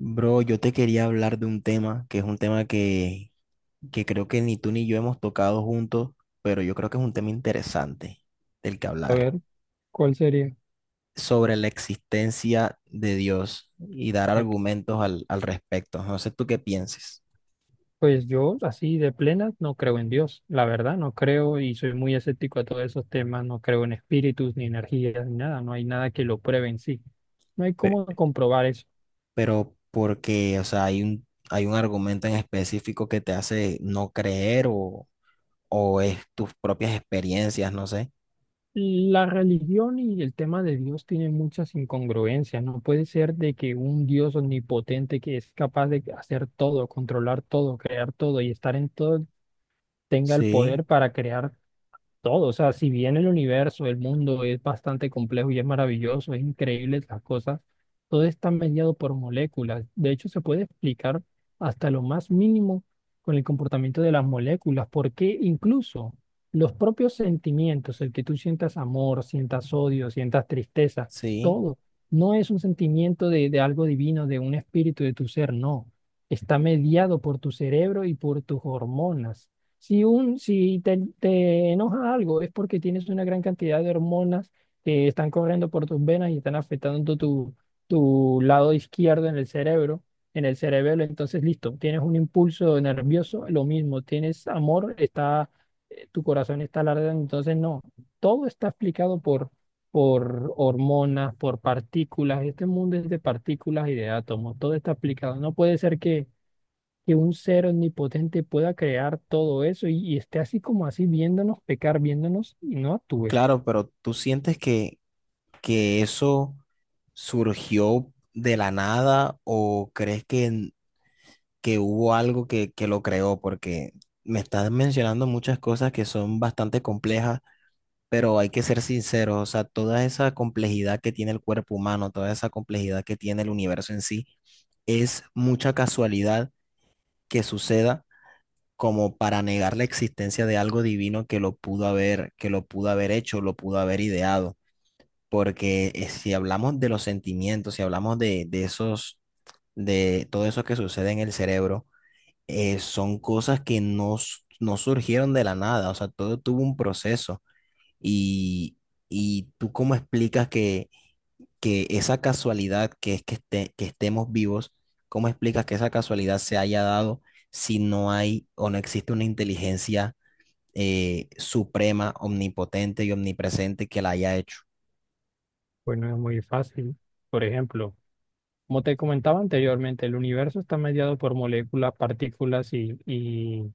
Bro, yo te quería hablar de un tema que es un tema que creo que ni tú ni yo hemos tocado juntos, pero yo creo que es un tema interesante del que A hablar, ver, ¿cuál sería? sobre la existencia de Dios y dar Ah, argumentos al respecto. No sé tú qué pienses. pues yo, así de plenas, no creo en Dios. La verdad, no creo y soy muy escéptico a todos esos temas. No creo en espíritus, ni energías, ni nada. No hay nada que lo pruebe en sí. No hay pe- cómo comprobar eso. pero porque, o sea, hay un argumento en específico que te hace no creer o es tus propias experiencias, no sé. La religión y el tema de Dios tienen muchas incongruencias. No puede ser de que un Dios omnipotente que es capaz de hacer todo, controlar todo, crear todo y estar en todo, tenga el Sí, poder para crear todo. O sea, si bien el universo, el mundo es bastante complejo y es maravilloso, es increíble las cosas, todo está mediado por moléculas. De hecho, se puede explicar hasta lo más mínimo con el comportamiento de las moléculas, porque incluso los propios sentimientos, el que tú sientas amor, sientas odio, sientas tristeza, sí, todo, no es un sentimiento de algo divino, de un espíritu de tu ser, no. Está mediado por tu cerebro y por tus hormonas. Si, un, si te, te enoja algo es porque tienes una gran cantidad de hormonas que están corriendo por tus venas y están afectando tu, tu lado izquierdo en el cerebro, en el cerebelo. Entonces, listo, tienes un impulso nervioso, lo mismo, tienes amor, está, tu corazón está alardeando. Entonces, no, todo está explicado por hormonas, por partículas. Este mundo es de partículas y de átomos, todo está explicado. No puede ser que un ser omnipotente pueda crear todo eso y esté así como así viéndonos pecar, viéndonos y no actúe. claro, pero tú sientes que eso surgió de la nada o crees que hubo algo que lo creó. Porque me estás mencionando muchas cosas que son bastante complejas, pero hay que ser sinceros, o sea, toda esa complejidad que tiene el cuerpo humano, toda esa complejidad que tiene el universo en sí, es mucha casualidad que suceda como para negar la existencia de algo divino que lo pudo haber, que lo pudo haber hecho, lo pudo haber ideado. Porque si hablamos de los sentimientos, si hablamos de esos, de todo eso que sucede en el cerebro, son cosas que no, no surgieron de la nada, o sea, todo tuvo un proceso. Y, y tú cómo explicas que esa casualidad que es que, que estemos vivos, cómo explicas que esa casualidad se haya dado si no hay o no existe una inteligencia suprema, omnipotente y omnipresente que la haya hecho. Pues no es muy fácil. Por ejemplo, como te comentaba anteriormente, el universo está mediado por moléculas, partículas y, y,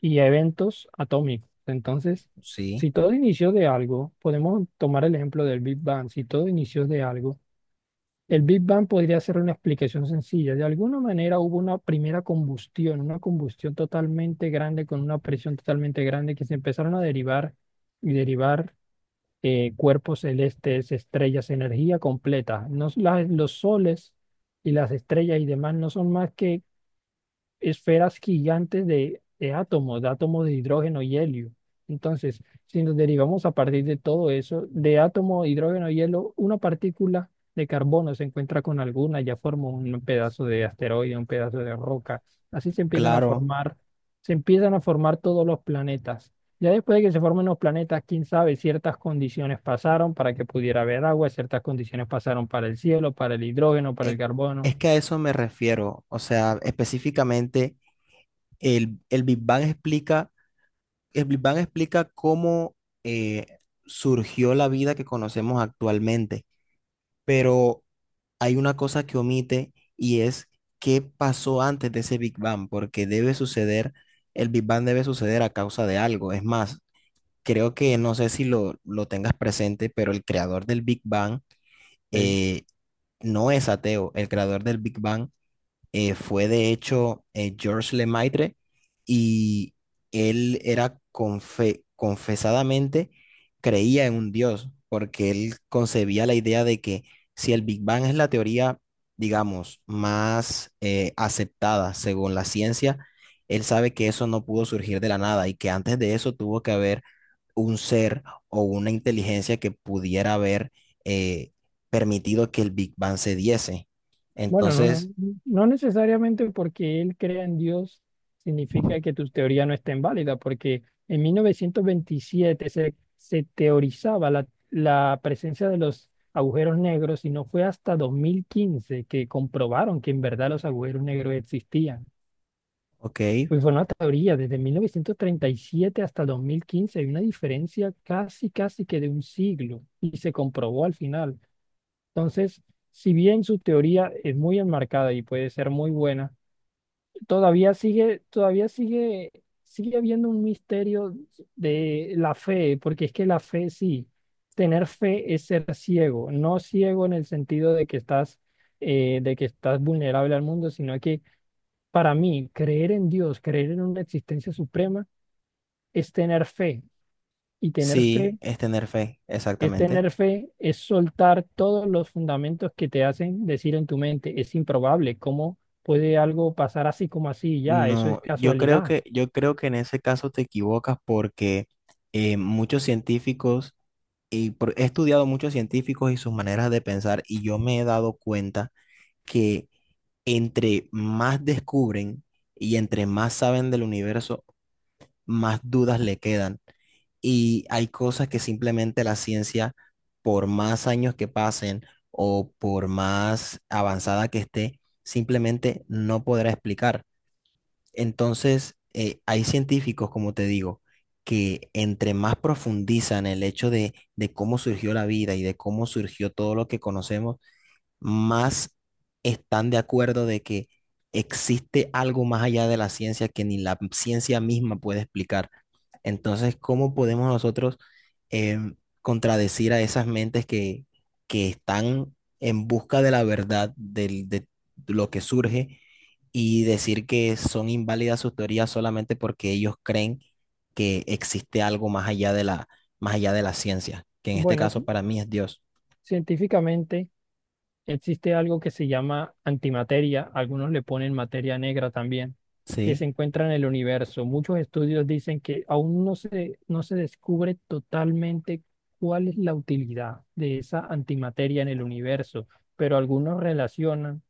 y eventos atómicos. Entonces, Sí, si todo inició de algo, podemos tomar el ejemplo del Big Bang, si todo inició de algo, el Big Bang podría ser una explicación sencilla. De alguna manera hubo una primera combustión, una combustión totalmente grande con una presión totalmente grande que se empezaron a derivar y derivar cuerpos celestes, estrellas, energía completa. No, los soles y las estrellas y demás no son más que esferas gigantes de átomos, de átomos de hidrógeno y helio. Entonces, si nos derivamos a partir de todo eso, de átomo, hidrógeno y helio, una partícula de carbono se encuentra con alguna, ya forma un pedazo de asteroide, un pedazo de roca. Así se empiezan a claro. formar, se empiezan a formar todos los planetas. Ya después de que se formen los planetas, quién sabe, ciertas condiciones pasaron para que pudiera haber agua, ciertas condiciones pasaron para el cielo, para el hidrógeno, para el e- carbono. Es que a eso me refiero, o sea, específicamente el Big Bang explica, el Big Bang explica cómo eh, surgió la vida que conocemos actualmente, pero hay una cosa que omite y es qué pasó antes de ese Big Bang, porque debe suceder, el Big Bang debe suceder a causa de algo. Es más, creo que no sé si lo tengas presente, pero el creador del Big Bang Eh, eh, no es ateo, el creador del Big Bang fue de hecho Georges Lemaitre, y él era confesadamente creía en un Dios, porque él concebía la idea de que si el Big Bang es la teoría, digamos, más aceptada según la ciencia, él sabe que eso no pudo surgir de la nada y que antes de eso tuvo que haber un ser o una inteligencia que pudiera haber eh, permitido que el Big Bang se diese. Bueno, no, no Entonces, no necesariamente porque él crea en Dios significa que tu teoría no esté válida porque en 1927 se teorizaba la presencia de los agujeros negros y no fue hasta 2015 que comprobaron que en verdad los agujeros negros existían. ok. Pues fue una teoría desde 1937 hasta 2015 hay una diferencia casi, casi que de un siglo y se comprobó al final. Entonces, si bien su teoría es muy enmarcada y puede ser muy buena, todavía sigue, todavía sigue, sigue habiendo un misterio de la fe, porque es que la fe sí, tener fe es ser ciego, no ciego en el sentido de que estás, de que estás vulnerable al mundo, sino que para mí creer en Dios, creer en una existencia suprema, es tener fe. Y tener Sí, fe es tener fe, Es exactamente. tener fe, es soltar todos los fundamentos que te hacen decir en tu mente, es improbable, ¿cómo puede algo pasar así como así? Ya, eso es No, casualidad. Yo creo que en ese caso te equivocas, porque muchos científicos, y he estudiado muchos científicos y sus maneras de pensar, y yo me he dado cuenta que entre más descubren y entre más saben del universo, más dudas le quedan. Y hay cosas que simplemente la ciencia, por más años que pasen o por más avanzada que esté, simplemente no podrá explicar. Entonces, hay científicos, como te digo, que entre más profundizan el hecho de cómo surgió la vida y de cómo surgió todo lo que conocemos, más están de acuerdo de que existe algo más allá de la ciencia que ni la ciencia misma puede explicar. Entonces, ¿cómo podemos nosotros em, contradecir a esas mentes que están en busca de la verdad de lo que surge y decir que son inválidas sus teorías solamente porque ellos creen que existe algo más allá de la, más allá de la ciencia, que en este Bueno, caso para mí es Dios? científicamente existe algo que se llama antimateria, algunos le ponen materia negra también, que se ¿Sí? encuentra en el universo. Muchos estudios dicen que aún no se descubre totalmente cuál es la utilidad de esa antimateria en el universo, pero algunos relacionan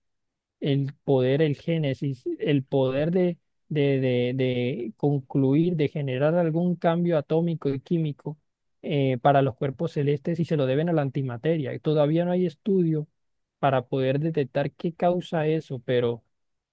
el poder, el génesis, el poder de concluir, de generar algún cambio atómico y químico para los cuerpos celestes y se lo deben a la antimateria. Y todavía no hay estudio para poder detectar qué causa eso, pero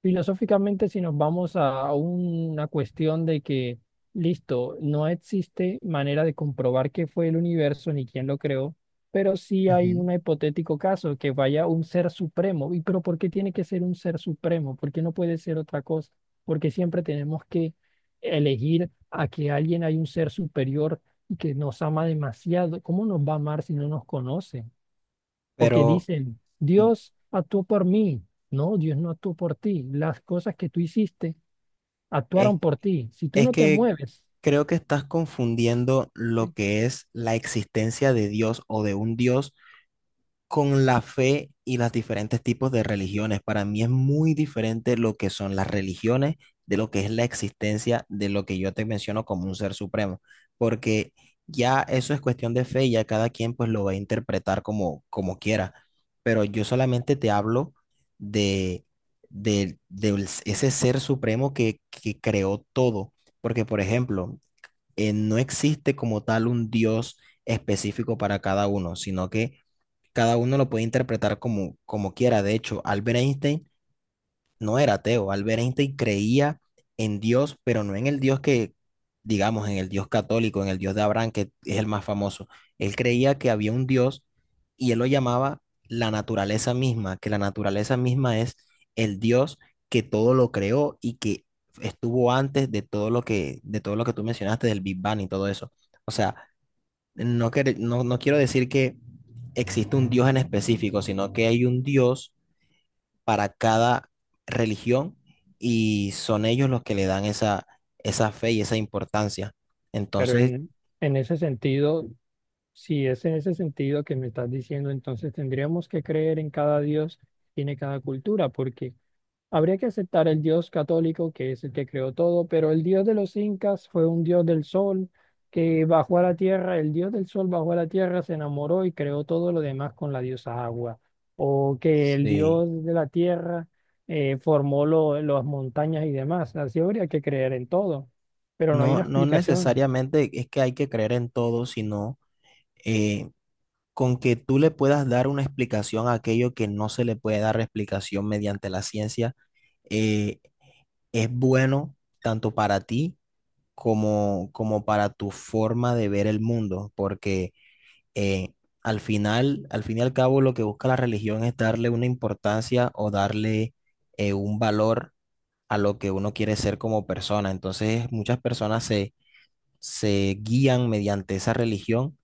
filosóficamente si nos vamos a una cuestión de que, listo, no existe manera de comprobar qué fue el universo ni quién lo creó pero sí hay Ujú. un hipotético caso que vaya un ser supremo. ¿Y pero por qué tiene que ser un ser supremo? ¿Por qué no puede ser otra cosa? Porque siempre tenemos que elegir a que alguien hay un ser superior y que nos ama demasiado. ¿Cómo nos va a amar si no nos conoce? O que Pero dicen, mm. Dios actuó por mí. No, Dios no actuó por ti. Las cosas que tú hiciste Es, actuaron por ti. Si tú es no te que mueves, creo que estás confundiendo lo sí. que es la existencia de Dios o de un Dios con la fe y los diferentes tipos de religiones. Para mí es muy diferente lo que son las religiones de lo que es la existencia de lo que yo te menciono como un ser supremo, porque ya eso es cuestión de fe y ya cada quien pues lo va a interpretar como, como quiera. Pero yo solamente te hablo de, de ese ser supremo que creó todo, porque por ejemplo, no existe como tal un Dios específico para cada uno, sino que cada uno lo puede interpretar como, como quiera. De hecho, Albert Einstein no era ateo. Albert Einstein creía en Dios, pero no en el Dios que, digamos, en el Dios católico, en el Dios de Abraham, que es el más famoso. Él creía que había un Dios y él lo llamaba la naturaleza misma, que la naturaleza misma es el Dios que todo lo creó y que estuvo antes de todo lo que, de todo lo que tú mencionaste, del Big Bang y todo eso. O sea, no, no, no quiero decir que existe un Dios en específico, sino que hay un Dios para cada religión y son ellos los que le dan esa, esa fe y esa importancia. pero Entonces, en, en ese sentido, si es en ese sentido que me estás diciendo, entonces tendríamos que creer en cada Dios, que tiene cada cultura, porque habría que aceptar el Dios católico, que es el que creó todo, pero el Dios de los incas fue un Dios del sol que bajó a la tierra, el Dios del sol bajó a la tierra, se enamoró y creó todo lo demás con la diosa agua, o que el sí, Dios de la tierra formó las montañas y demás. Así habría que creer en todo, pero no hay no, una no explicación. necesariamente es que hay que creer en todo, sino eh, con que tú le puedas dar una explicación a aquello que no se le puede dar explicación mediante la ciencia, eh, es bueno tanto para ti como, como para tu forma de ver el mundo, porque eh, al final, al fin y al cabo, lo que busca la religión es darle una importancia o darle un valor a lo que uno quiere ser como persona. Entonces, muchas personas se, se guían mediante esa religión,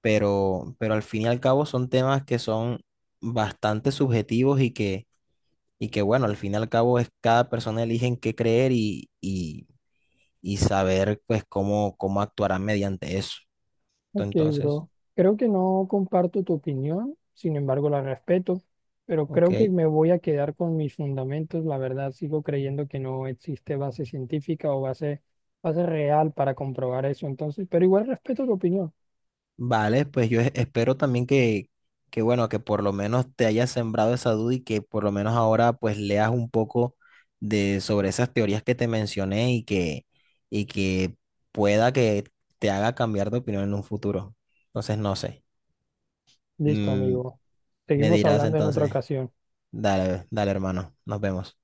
pero al fin y al cabo son temas que son bastante subjetivos y que bueno, al fin y al cabo es cada persona elige en qué creer y saber pues cómo, cómo actuarán mediante eso. Ok, Entonces, bro. Creo que no comparto tu opinión, sin embargo la respeto, pero ok, creo que me voy a quedar con mis fundamentos. La verdad, sigo creyendo que no existe base científica o base, base real para comprobar eso. Entonces, pero igual respeto tu opinión. vale, pues yo espero también que bueno, que por lo menos te hayas sembrado esa duda y que por lo menos ahora pues leas un poco de sobre esas teorías que te mencioné y que pueda que te haga cambiar de opinión en un futuro. Entonces, no sé. Listo, Mm, amigo. me Seguimos dirás hablando en otra entonces, ocasión. dale, dale hermano, nos vemos.